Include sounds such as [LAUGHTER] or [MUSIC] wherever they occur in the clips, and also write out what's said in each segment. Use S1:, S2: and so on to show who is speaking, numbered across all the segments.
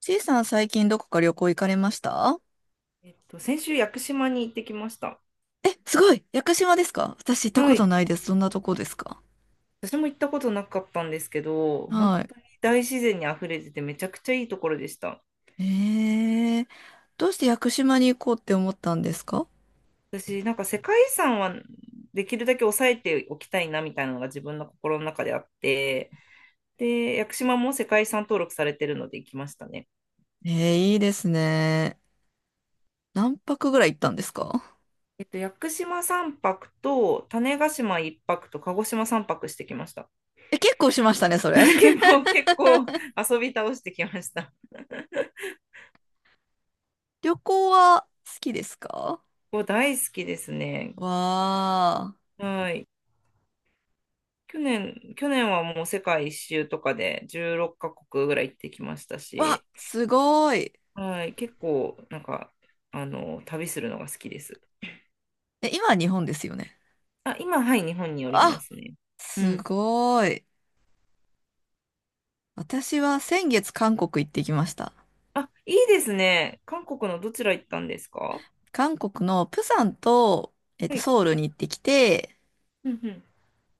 S1: ちいさん最近どこか旅行行かれました？
S2: 先週、屋久島に行ってきました。
S1: え、すごい屋久島ですか？私行ったこ
S2: は
S1: と
S2: い。
S1: ないです。どんなとこですか？
S2: 私も行ったことなかったんですけど、本
S1: はい。
S2: 当に大自然にあふれてて、めちゃくちゃいいところでした。
S1: えー、どうして屋久島に行こうって思ったんですか？
S2: 私、なんか世界遺産はできるだけ抑えておきたいなみたいなのが自分の心の中であって、で、屋久島も世界遺産登録されてるので行きましたね。
S1: いいですね。何泊ぐらい行ったんですか？
S2: 屋久島3泊と、種子島1泊と、鹿児島3泊してきました。
S1: え、結構しましたね、そ
S2: [LAUGHS]
S1: れ。
S2: 結
S1: [LAUGHS]
S2: 構、結構遊び倒してきました。
S1: 旅行は好きですか？
S2: ここ大好きですね。
S1: わ
S2: はい。去年はもう世界一周とかで16カ国ぐらい行ってきました
S1: ー。わ、
S2: し、
S1: すごい。
S2: はい、結構なんか、旅するのが好きです。
S1: え、今は日本ですよね。
S2: あ、今、はい、日本におりま
S1: あ、
S2: すね。う
S1: す
S2: ん。
S1: ごい。私は先月韓国行ってきました。
S2: あ、いいですね。韓国のどちら行ったんですか？
S1: 韓国のプサンと、
S2: はい。
S1: ソウルに行ってきて、
S2: うんうん。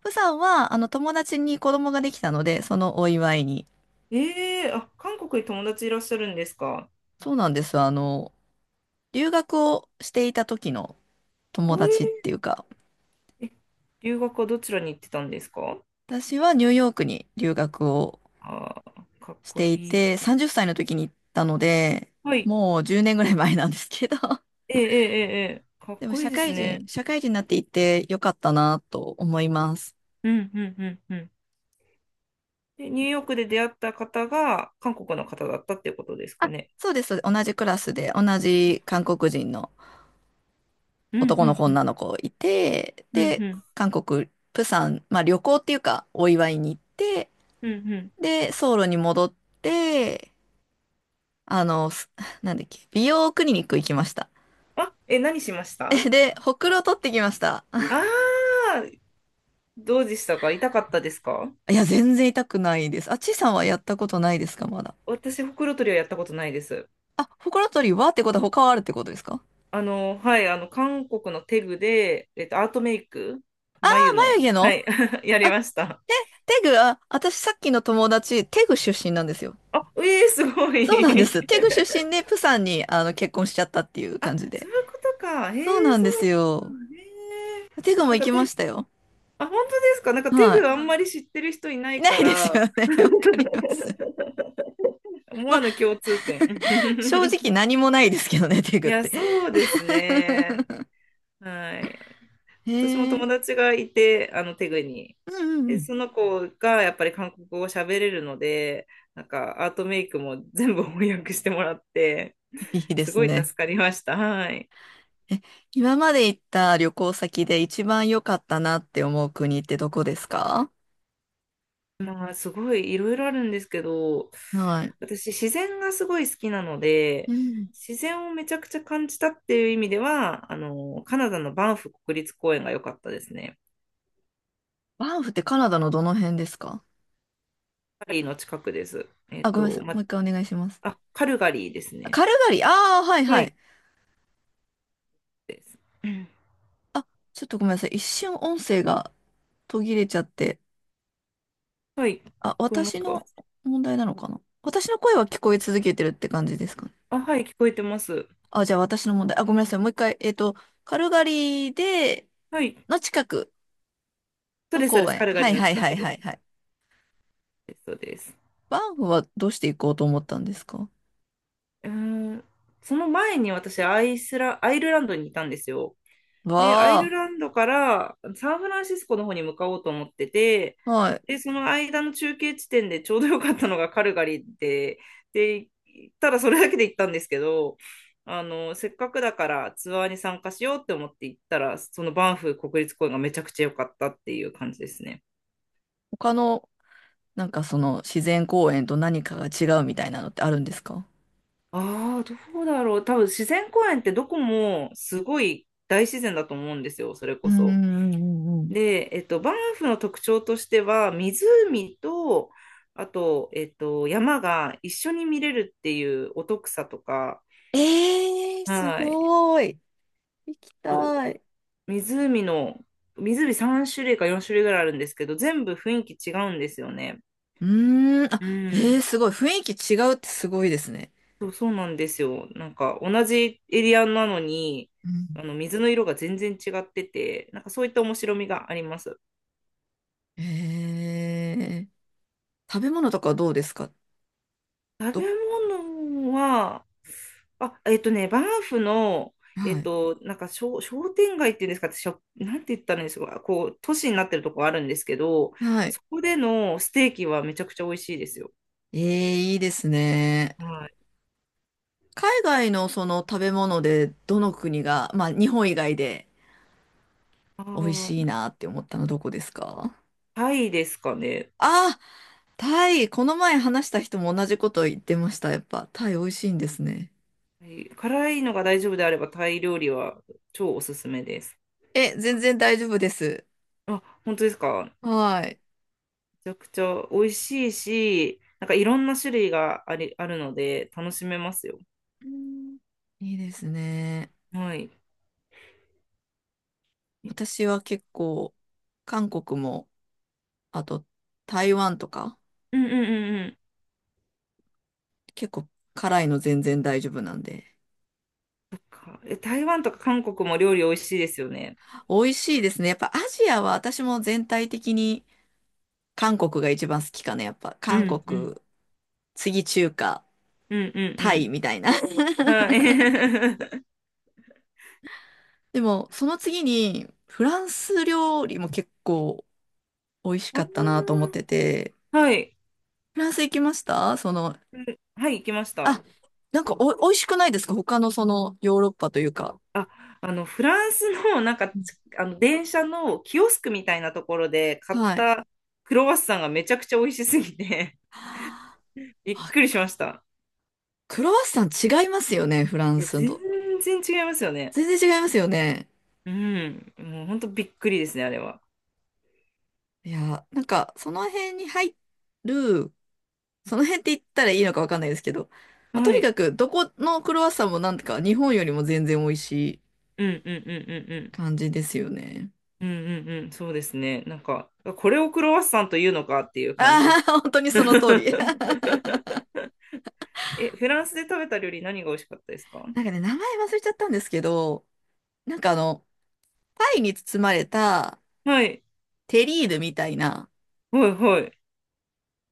S1: プサンは、友達に子供ができたので、そのお祝いに。
S2: ええあ、韓国に友達いらっしゃるんですか？
S1: そうなんです。留学をしていた時の
S2: お
S1: 友達っ
S2: え
S1: ていうか、
S2: ー、え、留学はどちらに行ってたんですか？
S1: 私はニューヨークに留学を
S2: あー、かっ
S1: し
S2: こ
S1: てい
S2: いい。
S1: て、30歳の時に行ったので、
S2: はい。
S1: もう10年ぐらい前なんですけど、[LAUGHS]
S2: ええええええ、かっ
S1: でも
S2: こい
S1: 社
S2: いです
S1: 会人、
S2: ね。
S1: 社会人になっていてよかったなと思います。
S2: うんうんうんうん。で、ニューヨークで出会った方が韓国の方だったっていうことですか
S1: あ、
S2: ね。
S1: そうです。そうです、同じクラスで、同じ韓国人の
S2: うん
S1: 男の子、
S2: う
S1: 女
S2: ん
S1: の子いて、
S2: うんうん
S1: で、
S2: うん
S1: 韓国、プサン、まあ旅行っていうか、お祝いに行って、
S2: うんうん。
S1: で、ソウルに戻って、あの、すなんだっけ、美容クリニック行きました。
S2: あ、え、何しまし
S1: [LAUGHS] え、
S2: たあ？
S1: で、ほくろ取ってきました。
S2: あー、どうでしたか？痛かったですか？
S1: いや、全然痛くないです。あ、ちいさんはやったことないですか、まだ。
S2: 私、ほくろ取りはやったことないです。
S1: あ、ほくろ取りはってことは他はあるってことですか？
S2: はい、韓国のテグで、アートメイク、眉の、
S1: 眉毛
S2: は
S1: の。
S2: い、[LAUGHS] や
S1: あ、
S2: りました。
S1: テグ、あ、私さっきの友達、テグ出身なんですよ。
S2: あ、ええすご
S1: そうなんで
S2: い。
S1: す。テ
S2: [LAUGHS]
S1: グ出身で、プサンに、結婚しちゃったっていう
S2: あ、
S1: 感じ
S2: そ
S1: で。
S2: ういうことか。へ
S1: そう
S2: え、
S1: なん
S2: そ
S1: です
S2: うな
S1: よ。
S2: んだ。へえ、
S1: テグも
S2: なん
S1: 行
S2: か
S1: きま
S2: テグ、
S1: したよ。
S2: あ、本当ですか？なんかテ
S1: は
S2: グ
S1: い。
S2: あんまり知ってる人いな
S1: い
S2: い
S1: な
S2: か
S1: いです
S2: ら、
S1: よね。[LAUGHS] わかります。
S2: 思
S1: まあ、
S2: わぬ共通点。
S1: [LAUGHS] 正
S2: [LAUGHS]
S1: 直何もないですけどね、[LAUGHS] テグ
S2: い
S1: っ
S2: や、
S1: て。
S2: そうですね。
S1: [LAUGHS]
S2: はい。私も
S1: へ
S2: 友
S1: え。
S2: 達がいて、テグに。
S1: うんうんう
S2: で、
S1: ん。
S2: その子がやっぱり韓国語を喋れるので、なんかアートメイクも全部翻訳してもらって、
S1: いいで
S2: す
S1: す
S2: ごい助
S1: ね。
S2: かりました。はい。
S1: え、今まで行った旅行先で一番良かったなって思う国ってどこですか？
S2: まあ、すごいいろいろあるんですけど、
S1: はい。
S2: 私、自然がすごい好きなの
S1: う
S2: で、
S1: ん。
S2: 自然をめちゃくちゃ感じたっていう意味では、カナダのバンフ国立公園が良かったですね。
S1: バンフってカナダのどの辺ですか？
S2: カルガリーの近くです。
S1: あ、ごめんなさい。もう一回お願いします。
S2: あ、カルガリーです
S1: あ、
S2: ね。
S1: カルガリー。あ、あ、はい
S2: は
S1: は
S2: い、
S1: い。
S2: です。うん。
S1: あ、ちょっとごめんなさい。一瞬音声が途切れちゃって。
S2: はい、聞
S1: あ、
S2: こえま
S1: 私
S2: すか？
S1: の問題なのかな？私の声は聞こえ続けてるって感じですかね。
S2: あ、はい、聞こえてます。
S1: あ、じゃあ私の問題。あ、ごめんなさい。もう一回。カルガリーで、
S2: はい、
S1: の近く
S2: そう
S1: の
S2: です、そうで
S1: 公
S2: す。カ
S1: 園。
S2: ルガ
S1: は
S2: リー
S1: い
S2: の
S1: はい
S2: 近
S1: は
S2: く
S1: い
S2: で
S1: は
S2: す。
S1: いはい。
S2: そうです。
S1: バンフはどうして行こうと思ったんですか？
S2: うーん、その前に私、アイルランドにいたんですよ。で、アイル
S1: わ
S2: ランドからサンフランシスコの方に向かおうと思ってて、
S1: あ、はい。
S2: で、その間の中継地点でちょうどよかったのがカルガリーで、で、行ったらそれだけで行ったんですけど、せっかくだからツアーに参加しようって思って行ったら、そのバンフ国立公園がめちゃくちゃ良かったっていう感じですね。
S1: 他の、なんかその自然公園と何かが違うみたいなのってあるんですか？
S2: ああ、どうだろう。多分自然公園ってどこもすごい大自然だと思うんですよ、それ
S1: う
S2: こ
S1: んう
S2: そ。
S1: んうんうん。
S2: で、バンフの特徴としては、湖と、あと、山が一緒に見れるっていうお得さとか、
S1: ええー、す
S2: はい。
S1: ごい。行き
S2: そう、
S1: たい。
S2: 湖の、湖3種類か4種類ぐらいあるんですけど、全部雰囲気違うんですよね。
S1: うーん、あ、
S2: う
S1: ええー、
S2: ん。
S1: すごい。雰囲気違うってすごいですね。
S2: そう、そうなんですよ。なんか、同じエリアなのに、水の色が全然違ってて、なんかそういった面白みがあります。
S1: え食べ物とかどうですか？
S2: 食べ
S1: ど、
S2: 物は、あ、バンフの、
S1: はい。
S2: なんか商店街っていうんですか、なんて言ったらいいんですか、こう、都市になってるとこあるんですけど、
S1: はい。
S2: そこでのステーキはめちゃくちゃ美味しいですよ。
S1: ええ、いいですね。
S2: はい。
S1: 海外のその食べ物でどの国が、まあ日本以外で
S2: あ
S1: 美味しい
S2: ー、
S1: なって思ったのどこですか？
S2: タイですかね。
S1: あ、タイ。この前話した人も同じこと言ってました。やっぱタイ美味しいんですね。
S2: はい、辛いのが大丈夫であれば、タイ料理は超おすすめです。
S1: え、全然大丈夫です。
S2: あ、本当ですか。
S1: はい。
S2: めちゃくちゃ美味しいし、なんかいろんな種類があるので、楽しめますよ。
S1: うん、いいですね。
S2: はい。う
S1: 私は結構韓国も、あと台湾とか、
S2: んうんうんうん。
S1: 結構辛いの全然大丈夫なんで。
S2: かえ台湾とか韓国も料理美味しいですよね。
S1: 美味しいですね。やっぱアジアは私も全体的に韓国が一番好きかな。やっぱ
S2: う
S1: 韓
S2: ん、うん、
S1: 国、次中華、
S2: うん、う
S1: タ
S2: ん、
S1: イみたいな。
S2: うん。
S1: [LAUGHS]
S2: はい。[LAUGHS]
S1: でもその次にフランス料理も結構美味し
S2: あ
S1: かったなと思っ
S2: ー、
S1: てて。
S2: はい、
S1: フランス行きましたその、
S2: はい、行きました。
S1: あ、なんかお、美味しくないですか他のそのヨーロッパというか。
S2: あ、フランスの、なんか、
S1: うん、
S2: つあの、電車のキオスクみたいなところで買っ
S1: はい。
S2: たクロワッサンがめちゃくちゃ美味しすぎて
S1: あ、
S2: [LAUGHS] びっくりしました。
S1: クロワッサン違いますよね、フラン
S2: いや、
S1: ス
S2: 全
S1: と。
S2: 然違いますよね。
S1: 全然違いますよね。
S2: うん。もう本当びっくりですね、あれは。
S1: いや、なんか、その辺に入る、その辺って言ったらいいのかわかんないですけど、まあ、と
S2: は
S1: に
S2: い。
S1: かく、どこのクロワッサンもなんか、日本よりも全然美味しい
S2: うん、うん、うん、うん、うん。
S1: 感じですよね。
S2: うんうんうん、そうですね。なんか、これをクロワッサンというのかっていう感じでし
S1: ああ、
S2: た。
S1: [LAUGHS] 本当にその通り。[LAUGHS]
S2: [LAUGHS] え、フランスで食べた料理何が美味しかったですか？
S1: なんかね、名前忘れちゃったんですけど、なんか、パイに包まれた
S2: はい、
S1: テリーヌみたいな
S2: はい、はい、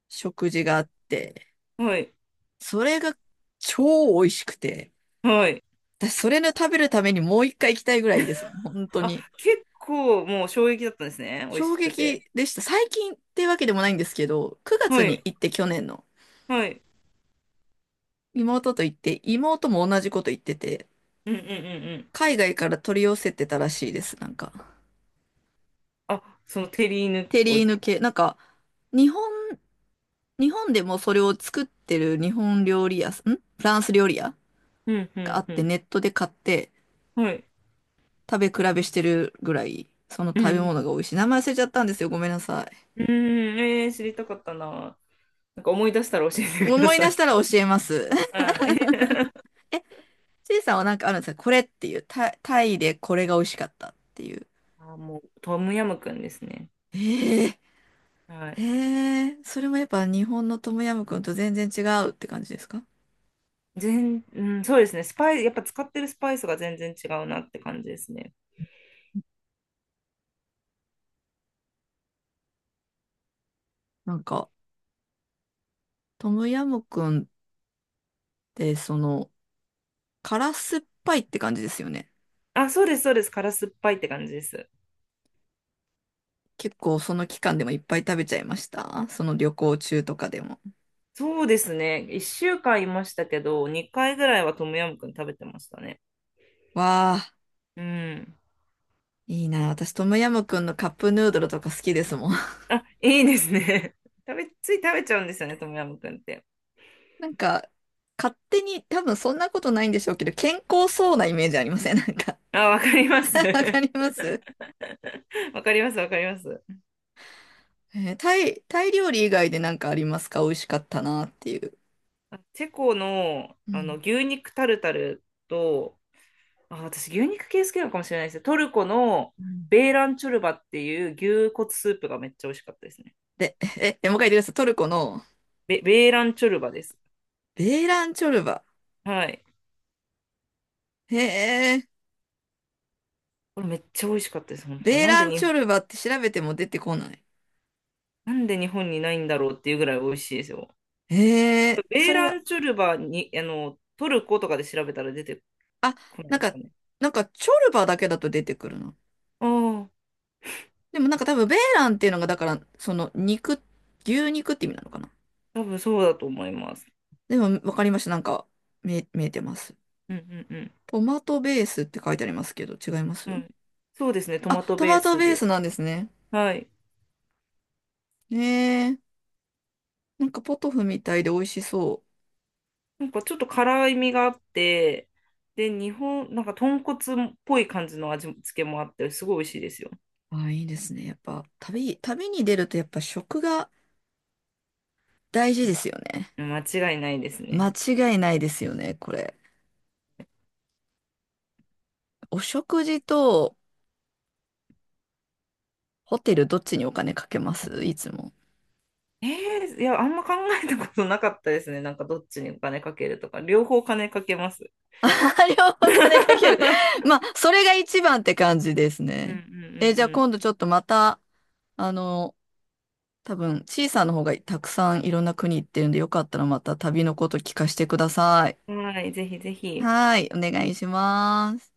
S1: 食事があって、
S2: はい、
S1: それが超美味しくて、
S2: はい。
S1: 私それの食べるためにもう一回行きたいぐらいです。本当
S2: あ、
S1: に。
S2: 結構もう衝撃だったんですね。美味
S1: 衝
S2: しく
S1: 撃
S2: て。
S1: でした。最近ってわけでもないんですけど、9月
S2: は
S1: に
S2: い、
S1: 行って去年の
S2: はい。
S1: 妹と行って、妹も同じこと言ってて、
S2: うんうんうんうん。
S1: 海外から取り寄せてたらしいです。なんか、
S2: あ、そのテリーヌ
S1: テ
S2: を。
S1: リーヌ系。なんか、日本、日本でもそれを作ってる日本料理屋さん、んフランス料理屋
S2: うんう
S1: があ
S2: ん
S1: っ
S2: う
S1: て、
S2: ん。
S1: ネットで買って
S2: はい。
S1: 食べ比べしてるぐらい、その
S2: う
S1: 食べ
S2: ん。
S1: 物が美味しい。名前忘れちゃったんですよ。ごめんなさい。
S2: うん、えー、知りたかったな。なんか思い出したら教えてくだ
S1: 思い
S2: さ
S1: 出し
S2: い。
S1: たら
S2: [LAUGHS]
S1: 教えます。[LAUGHS]
S2: はい。
S1: ちいさんはなんかあるんですかこれっていう、タイ、タイでこれが美味しかったっていう。
S2: [LAUGHS] あ、もうトムヤムクンですね。
S1: ええ、
S2: は
S1: え
S2: い。
S1: え、それもやっぱ日本のトムヤムクンと全然違うって感じですか？
S2: うん、そうですね。スパイ、やっぱ使ってるスパイスが全然違うなって感じですね。
S1: なんか、トムヤムクンってその、辛酸っぱいって感じですよね。
S2: あ、そうです、そうです。辛酸っぱいって感じです。
S1: 結構その期間でもいっぱい食べちゃいました。その旅行中とかでも。
S2: そうですね。1週間いましたけど、2回ぐらいはトムヤムクン食べてましたね。
S1: わあ、
S2: うん。
S1: いいな。私トムヤムクンのカップヌードルとか好きですもん。[LAUGHS]
S2: あ、いいですね。[LAUGHS] つい食べちゃうんですよね、トムヤムクンって。
S1: なんか、勝手に、多分そんなことないんでしょうけど、健康そうなイメージありません？ [LAUGHS] なんか
S2: あ、わかります。
S1: [LAUGHS] わかり
S2: [LAUGHS]
S1: ます。
S2: わかります、わかります。
S1: タイ、タイ料理以外でなんかありますか？美味しかったなっていう。
S2: あ、チェコの、
S1: うん。
S2: 牛肉タルタルと、あ、私、牛肉系好きなのかもしれないですね。トルコの
S1: うん、
S2: ベーランチョルバっていう牛骨スープがめっちゃ美味しかったですね。
S1: で、え、えもう一回言ってください。トルコの
S2: ベーランチョルバです。
S1: ベーランチョルバ。
S2: はい。
S1: へえ、
S2: これめっちゃ美味しかったです、本当。
S1: ベーランチョルバって調べても出てこない。
S2: なんで日本にないんだろうっていうぐらい美味しいですよ。
S1: へえ、
S2: ベ
S1: そ
S2: ー
S1: れ
S2: ラ
S1: は、
S2: ンチョルバに、トルコとかで調べたら出て
S1: あ、
S2: こない
S1: なん
S2: です
S1: か、
S2: かね。
S1: なんかチョルバだけだと出てくるの。
S2: ああ、
S1: でもなんか多分ベーランっていうのが、だから、その肉、牛肉って意味なのかな。
S2: 多分そうだと思います。
S1: でもわかりました。なんか、見え、見えてます。
S2: うんうん
S1: トマトベースって書いてありますけど、違いま
S2: うん。
S1: す？
S2: はい。そうですね、ト
S1: あ、
S2: マト
S1: ト
S2: ベー
S1: マト
S2: ス
S1: ベー
S2: で。
S1: スなんですね。
S2: はい。
S1: へえ、なんかポトフみたいで美味しそう。
S2: なんかちょっと辛いみがあって、で、日本、なんか豚骨っぽい感じの味付けもあって、すごい美味しいですよ。
S1: ああ、いいですね。やっぱ、旅、旅に出るとやっぱ食が大事ですよね。
S2: 間違いないです
S1: 間
S2: ね。
S1: 違いないですよね、これ。お食事とホテルどっちにお金かけますいつも？
S2: いや、あんま考えたことなかったですね。なんかどっちにお金かけるとか、両方金かけます。
S1: [LAUGHS] あ、両方
S2: [LAUGHS]
S1: お
S2: う
S1: 金かける。[LAUGHS] まあ、それが一番って感じです
S2: んう
S1: ね。え、じ
S2: ん
S1: ゃあ今度ちょっとまた、あの、多分、ちいさんの方がたくさんいろんな国行ってるんで、よかったらまた旅のこと聞かせてくださ
S2: う
S1: い。
S2: んうん。はい、ぜひぜひ。
S1: はい、お願いします。